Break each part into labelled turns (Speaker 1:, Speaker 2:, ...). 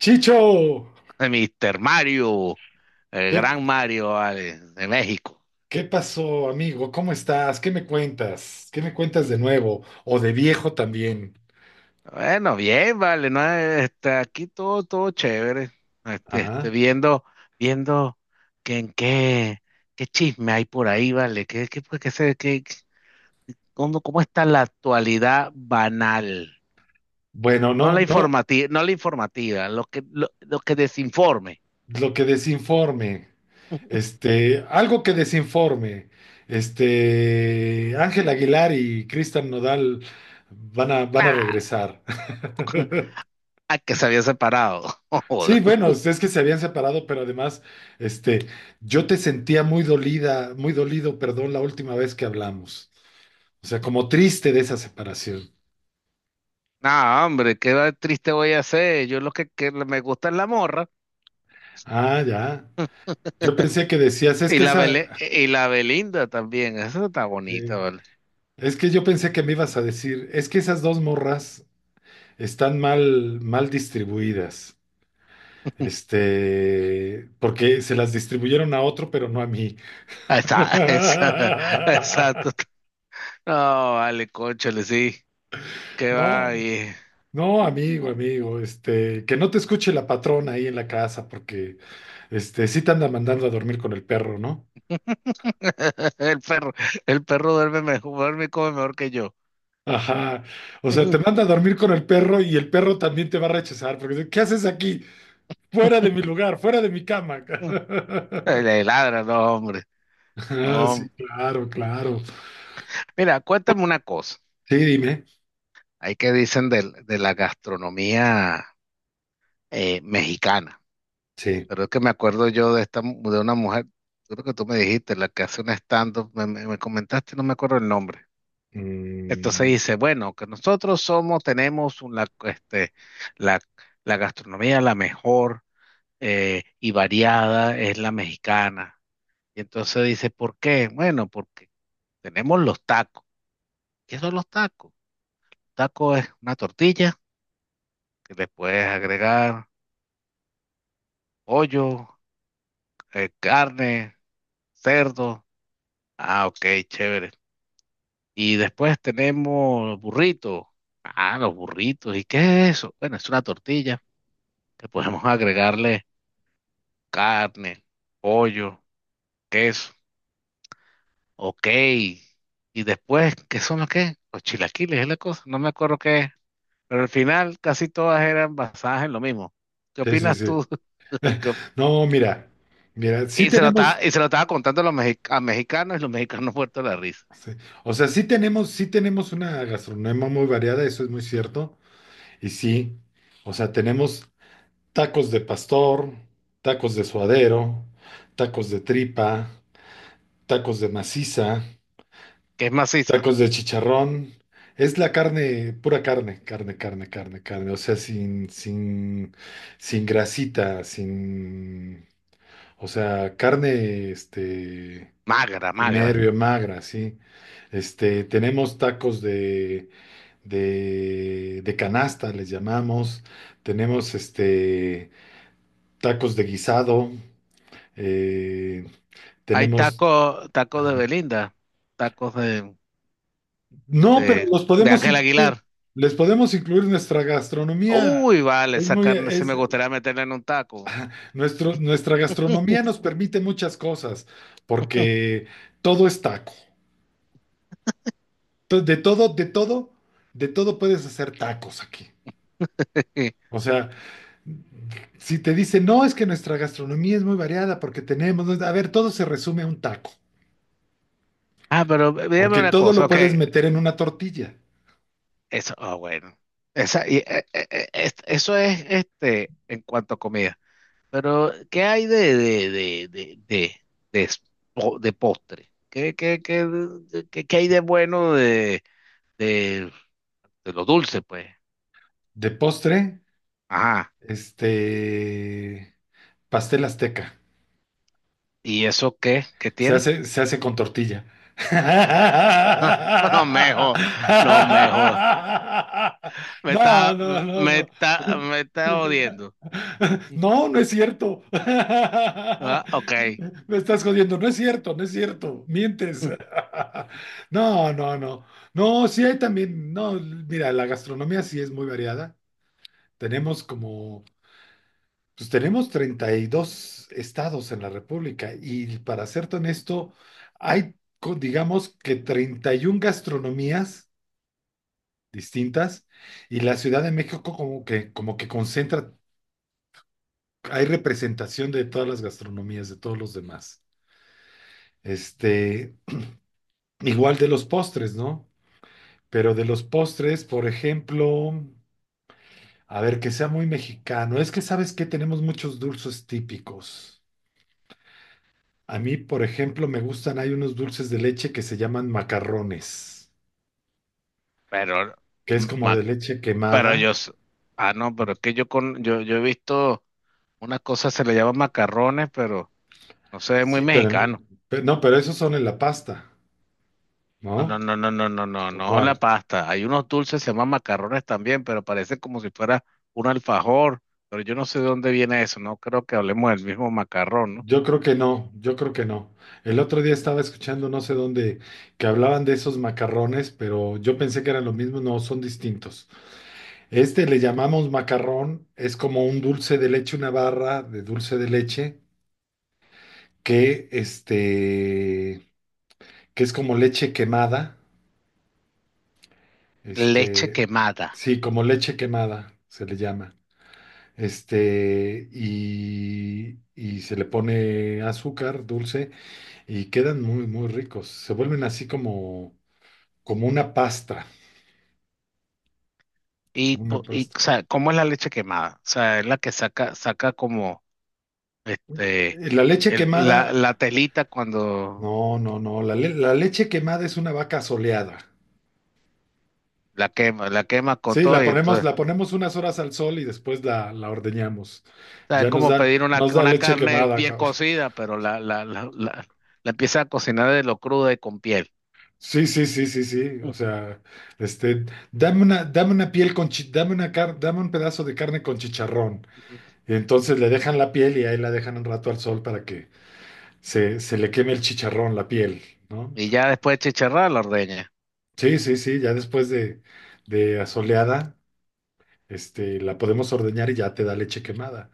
Speaker 1: Chicho,
Speaker 2: Mister Mario, el
Speaker 1: ¿qué,
Speaker 2: gran Mario, vale, de México.
Speaker 1: qué pasó, amigo? ¿Cómo estás? ¿Qué me cuentas? ¿Qué me cuentas
Speaker 2: Bien.
Speaker 1: de nuevo? O de viejo también.
Speaker 2: Bueno, bien, vale, no, aquí todo chévere.
Speaker 1: Ajá.
Speaker 2: Viendo, viendo que qué chisme hay por ahí, vale, pues, qué se- qué- qué- cómo está la actualidad banal.
Speaker 1: Bueno,
Speaker 2: No la
Speaker 1: no, no,
Speaker 2: informativa, no la informativa, lo que, lo que desinforme.
Speaker 1: lo que desinforme. Algo que desinforme. Ángel Aguilar y Cristian Nodal van a
Speaker 2: Claro,
Speaker 1: regresar.
Speaker 2: hay que se había separado.
Speaker 1: Sí, bueno, es que se habían separado, pero además, este, yo te sentía muy dolida, muy dolido, perdón, la última vez que hablamos. O sea, como triste de esa separación.
Speaker 2: Ah, hombre, qué va- triste voy a ser. Yo lo que me gusta es la morra
Speaker 1: Ah, ya. Yo pensé que decías, es
Speaker 2: y
Speaker 1: que
Speaker 2: la,
Speaker 1: esa,
Speaker 2: Bele- y la Belinda también. Esa está bonita,
Speaker 1: eh,
Speaker 2: ¿vale?
Speaker 1: es que yo pensé que me ibas a decir, es que esas dos morras están mal, mal distribuidas. Porque se las distribuyeron a otro, pero no a mí.
Speaker 2: Esa, exacto. No, vale, cónchale, sí. Qué
Speaker 1: No,
Speaker 2: va. Y...
Speaker 1: no, amigo, amigo, que no te escuche la patrona ahí en la casa, porque sí te anda mandando a dormir con el perro, ¿no?
Speaker 2: El perro, el perro duerme mejor, duerme y come mejor que yo.
Speaker 1: Ajá. O sea, te manda a dormir con el perro y el perro también te va a rechazar porque dice, ¿qué haces aquí? Fuera de mi lugar, fuera de mi cama.
Speaker 2: Le ladra, no, hombre.
Speaker 1: Ah, sí,
Speaker 2: No.
Speaker 1: claro, claro.
Speaker 2: Mira, cuéntame una cosa.
Speaker 1: Sí, dime.
Speaker 2: Hay que dicen del- de, la gastronomía mexicana.
Speaker 1: Sí.
Speaker 2: Pero es que me acuerdo yo de esta, mu- de una mujer, creo que tú me dijiste, la que hace un stand-up, me- me comentaste, no me acuerdo el nombre. Entonces
Speaker 1: Mm,
Speaker 2: dice, bueno, que nosotros somos, tenemos una, la, la gastronomía la mejor y variada es la mexicana. Y entonces dice, ¿por qué? Bueno, porque tenemos los tacos. ¿Qué son los tacos? Taco es una tortilla que le puedes agregar pollo, carne, cerdo. Ah, ok, chévere. Y después tenemos burritos. Ah, los burritos. ¿Y qué es eso? Bueno, es una tortilla que podemos agregarle carne, pollo, queso. Ok. Y después, ¿qué son los que? Los chilaquiles es la cosa. No me acuerdo qué es. Pero al final casi todas eran basadas en lo mismo. ¿Qué
Speaker 1: sí, sí,
Speaker 2: opinas
Speaker 1: sí.
Speaker 2: tú? ¿Qué op-
Speaker 1: No, mira, mira, sí
Speaker 2: Y se lo
Speaker 1: tenemos,
Speaker 2: estaba, y se lo estaba contando a los mexi- a mexicanos y los mexicanos muertos de la risa.
Speaker 1: sí, o sea, sí tenemos una gastronomía muy variada, eso es muy cierto. Y sí, o sea, tenemos tacos de pastor, tacos de suadero, tacos de tripa, tacos de maciza,
Speaker 2: ¿Qué es macizo?
Speaker 1: tacos de chicharrón. Es la carne, pura carne, carne, carne, carne, carne. O sea, sin grasita, sin, o sea, carne,
Speaker 2: Magra,
Speaker 1: sin
Speaker 2: magra.
Speaker 1: nervio, magra, sí. Tenemos tacos de, de canasta, les llamamos. Tenemos, tacos de guisado. eh,
Speaker 2: Hay
Speaker 1: Tenemos.
Speaker 2: tacos, tacos de Belinda, tacos de
Speaker 1: No, pero
Speaker 2: de,
Speaker 1: los
Speaker 2: de
Speaker 1: podemos
Speaker 2: Ángel
Speaker 1: incluir,
Speaker 2: Aguilar.
Speaker 1: les podemos incluir nuestra gastronomía.
Speaker 2: Uy, vale,
Speaker 1: Es
Speaker 2: esa
Speaker 1: muy,
Speaker 2: carne sí me
Speaker 1: es,
Speaker 2: gustaría meterla en un taco.
Speaker 1: nuestro, nuestra gastronomía nos permite muchas cosas, porque todo es taco. De todo, de todo, de todo puedes hacer tacos aquí. O sea, si te dicen, no, es que nuestra gastronomía es muy variada porque tenemos, ¿no? A ver, todo se resume a un taco,
Speaker 2: Ah, pero dígame
Speaker 1: porque
Speaker 2: una
Speaker 1: todo
Speaker 2: cosa,
Speaker 1: lo
Speaker 2: ok,
Speaker 1: puedes meter en una tortilla.
Speaker 2: eso, ah, bueno, esa, y, es- eso es este en cuanto a comida, pero ¿qué hay de, de, s- po- de postre? ¿ de- qué- qué hay de bueno de, de, de lo dulce, pues?
Speaker 1: De postre,
Speaker 2: Ajá,
Speaker 1: este, pastel azteca.
Speaker 2: ¿y eso qué? ¿Qué tiene?
Speaker 1: Se hace con tortilla.
Speaker 2: No, mejor no mejor. Me
Speaker 1: No,
Speaker 2: está,
Speaker 1: no, no, no.
Speaker 2: me está odiando.
Speaker 1: No, no es cierto.
Speaker 2: Ah, ok.
Speaker 1: Me estás jodiendo. No es cierto, no es cierto. Mientes. No, no, no. No, sí hay también. No, mira, la gastronomía sí es muy variada. Tenemos como, pues tenemos 32 estados en la República y para serte honesto, hay, digamos que 31 gastronomías distintas y la Ciudad de México como que concentra, hay representación de todas las gastronomías, de todos los demás. Este, Igual de los postres, ¿no? Pero de los postres, por ejemplo, a ver, que sea muy mexicano, es que sabes que tenemos muchos dulces típicos. A mí, por ejemplo, me gustan, hay unos dulces de leche que se llaman macarrones,
Speaker 2: Pero,
Speaker 1: que es como
Speaker 2: ma-
Speaker 1: de leche
Speaker 2: pero
Speaker 1: quemada.
Speaker 2: yo, s- ah, no, pero es que yo con, yo he visto unas cosas se le llaman macarrones, pero no se ve muy
Speaker 1: Sí,
Speaker 2: mexicano.
Speaker 1: pero no, pero esos son en la pasta,
Speaker 2: No, no,
Speaker 1: ¿no?
Speaker 2: no, no, no, no, no,
Speaker 1: ¿O
Speaker 2: no, la
Speaker 1: cuál?
Speaker 2: pasta. Hay unos dulces, se llaman macarrones también, pero parece como si fuera un alfajor, pero yo no sé de dónde viene eso, no creo que hablemos del mismo macarrón, ¿no?
Speaker 1: Yo creo que no, yo creo que no. El otro día estaba escuchando no sé dónde que hablaban de esos macarrones, pero yo pensé que eran lo mismo, no, son distintos. Este le llamamos macarrón, es como un dulce de leche, una barra de dulce de leche que que es como leche quemada.
Speaker 2: Leche
Speaker 1: Este,
Speaker 2: quemada.
Speaker 1: sí, como leche quemada se le llama. Y se le pone azúcar dulce y quedan muy, muy ricos. Se vuelven así como, como una pasta,
Speaker 2: Y,
Speaker 1: como una
Speaker 2: po- y, o
Speaker 1: pasta.
Speaker 2: sea, ¿cómo es la leche quemada? O sea, es la que saca, saca como este
Speaker 1: La leche
Speaker 2: el-
Speaker 1: quemada,
Speaker 2: la telita cuando
Speaker 1: no, no, no, la leche quemada es una vaca soleada.
Speaker 2: la quema con
Speaker 1: Sí,
Speaker 2: todo y entonces,
Speaker 1: la ponemos unas horas al sol y después la ordeñamos.
Speaker 2: o sea, es
Speaker 1: Ya
Speaker 2: como pedir
Speaker 1: nos da
Speaker 2: una
Speaker 1: leche
Speaker 2: carne
Speaker 1: quemada,
Speaker 2: bien
Speaker 1: cabrón.
Speaker 2: cocida, pero la, la, la empieza a cocinar de lo cruda y con piel.
Speaker 1: Sí, sí, sí, sí, sí.
Speaker 2: Ujú.
Speaker 1: O sea, este, dame una, dame una dame un pedazo de carne con chicharrón. Y entonces le dejan la piel y ahí la dejan un rato al sol para que se le queme el chicharrón, la piel, ¿no?
Speaker 2: Y ya después de chicharrar la ordeña.
Speaker 1: Sí, sí, sí, ya después de asoleada, la podemos ordeñar y ya te da leche quemada.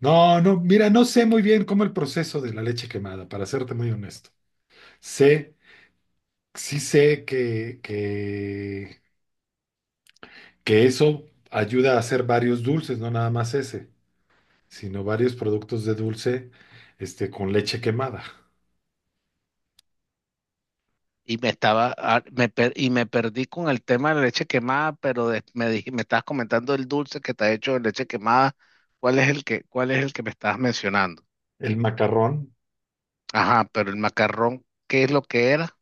Speaker 1: No, no, mira, no sé muy bien cómo el proceso de la leche quemada, para serte muy honesto. Sé, sí sé que, que eso ayuda a hacer varios dulces, no nada más ese, sino varios productos de dulce, con leche quemada.
Speaker 2: Y me estaba, ah, me per- y me perdí con el tema de la leche quemada, pero de- me dij- me estabas comentando el dulce que está hecho de leche quemada. ¿Cuál es el que, cuál es el que me estabas mencionando?
Speaker 1: El macarrón
Speaker 2: Ajá, pero el macarrón, ¿qué es lo que era?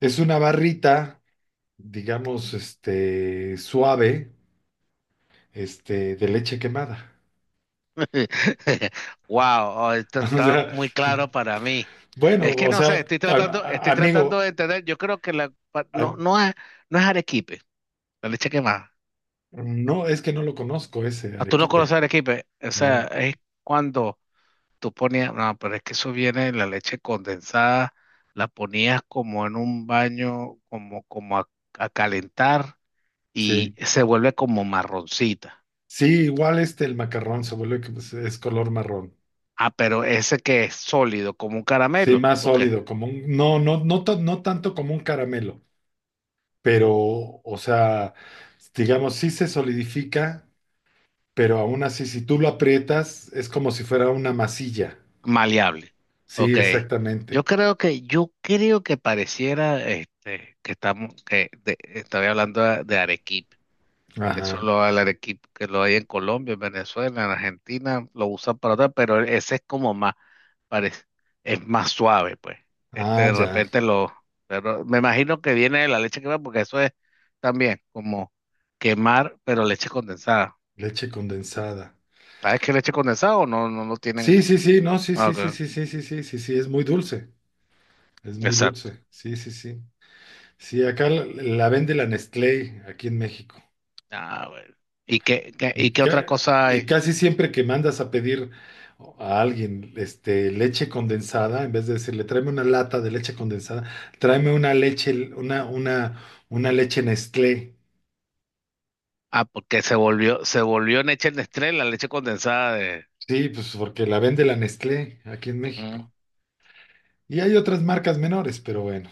Speaker 1: es una barrita, digamos, suave, de leche quemada.
Speaker 2: Wow, esto
Speaker 1: O
Speaker 2: está
Speaker 1: sea,
Speaker 2: muy claro para mí. Es
Speaker 1: bueno,
Speaker 2: que
Speaker 1: o
Speaker 2: no sé,
Speaker 1: sea,
Speaker 2: estoy tratando
Speaker 1: amigo,
Speaker 2: de entender. Yo creo que la pa-
Speaker 1: a-
Speaker 2: no, no es, no es arequipe, la leche quemada.
Speaker 1: no, es que no lo conozco ese
Speaker 2: Ah, tú no
Speaker 1: arequipe,
Speaker 2: conoces arequipe, o sea,
Speaker 1: ¿no?
Speaker 2: es cuando tú ponías, no, pero es que eso viene la leche condensada, la ponías como en un baño, como a calentar y
Speaker 1: Sí.
Speaker 2: se vuelve como marroncita.
Speaker 1: Sí, igual el macarrón se vuelve, que es color marrón.
Speaker 2: Ah, pero ese que es sólido, como un
Speaker 1: Sí,
Speaker 2: caramelo,
Speaker 1: más
Speaker 2: ¿o qué?
Speaker 1: sólido, como un, no, no, no, no tanto como un caramelo, pero, o sea, digamos, sí se solidifica, pero aún así, si tú lo aprietas, es como si fuera una masilla.
Speaker 2: Maleable.
Speaker 1: Sí,
Speaker 2: Ok.
Speaker 1: exactamente.
Speaker 2: Yo creo que pareciera que estamos, que de- estaría hablando de arequipe, que
Speaker 1: Ajá.
Speaker 2: solo el arequipe que lo hay en Colombia, en Venezuela, en Argentina, lo usan para otra, pero ese es como más, parece, es más suave, pues. Este,
Speaker 1: Ah,
Speaker 2: de
Speaker 1: ya.
Speaker 2: repente lo, pero me imagino que viene de la leche quemada, porque eso es también como quemar, pero leche condensada.
Speaker 1: Leche condensada.
Speaker 2: Ah, es que leche condensada o no, no lo
Speaker 1: Sí,
Speaker 2: tienen.
Speaker 1: sí, sí, no, sí,
Speaker 2: Ah,
Speaker 1: sí, sí,
Speaker 2: ok.
Speaker 1: sí, sí, sí, sí, sí, sí, es muy dulce. Es muy
Speaker 2: Exacto.
Speaker 1: dulce. Sí, sí, sí. Sí, acá la, la vende la Nestlé, aquí en México.
Speaker 2: Ah, bueno. ¿Y qué qué otra cosa
Speaker 1: Y
Speaker 2: hay?
Speaker 1: casi siempre que mandas a pedir a alguien, leche condensada, en vez de decirle tráeme una lata de leche condensada, tráeme una leche, una leche Nestlé.
Speaker 2: Ah, porque se volvió leche Nestlé, la leche condensada de.
Speaker 1: Sí, pues porque la vende la Nestlé aquí en
Speaker 2: Mm.
Speaker 1: México. Y hay otras marcas menores, pero bueno.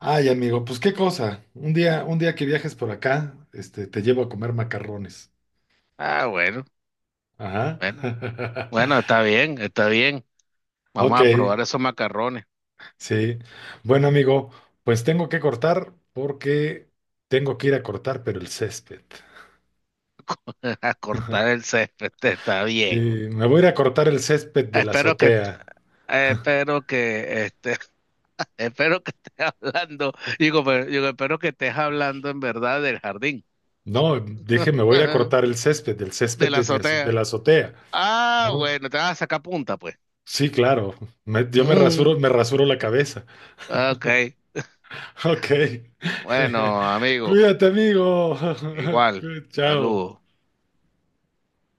Speaker 1: Ay, amigo, pues qué cosa. Un día que viajes por acá, te llevo a comer macarrones.
Speaker 2: Ah,
Speaker 1: Ajá.
Speaker 2: bueno. Bueno, está bien, está bien. Vamos
Speaker 1: Ok.
Speaker 2: a probar esos macarrones.
Speaker 1: Sí. Bueno, amigo, pues tengo que cortar porque tengo que ir a cortar, pero el césped.
Speaker 2: A cortar el césped, este, está
Speaker 1: Sí,
Speaker 2: bien.
Speaker 1: me voy a ir a cortar el césped de la
Speaker 2: Espero que,
Speaker 1: azotea.
Speaker 2: espero que, este, espero que estés hablando, digo, pero- digo, espero que estés hablando en verdad del jardín,
Speaker 1: No, dije, me voy a ir a
Speaker 2: de
Speaker 1: cortar el césped
Speaker 2: la
Speaker 1: de, de
Speaker 2: azotea.
Speaker 1: la azotea.
Speaker 2: Ah,
Speaker 1: ¿No?
Speaker 2: bueno, te vas a sacar punta, pues.
Speaker 1: Sí, claro. Yo
Speaker 2: Mm,
Speaker 1: me rasuro la cabeza.
Speaker 2: ok.
Speaker 1: Ok.
Speaker 2: Bueno, amigo,
Speaker 1: Cuídate, amigo.
Speaker 2: igual.
Speaker 1: Chao.
Speaker 2: Saludos.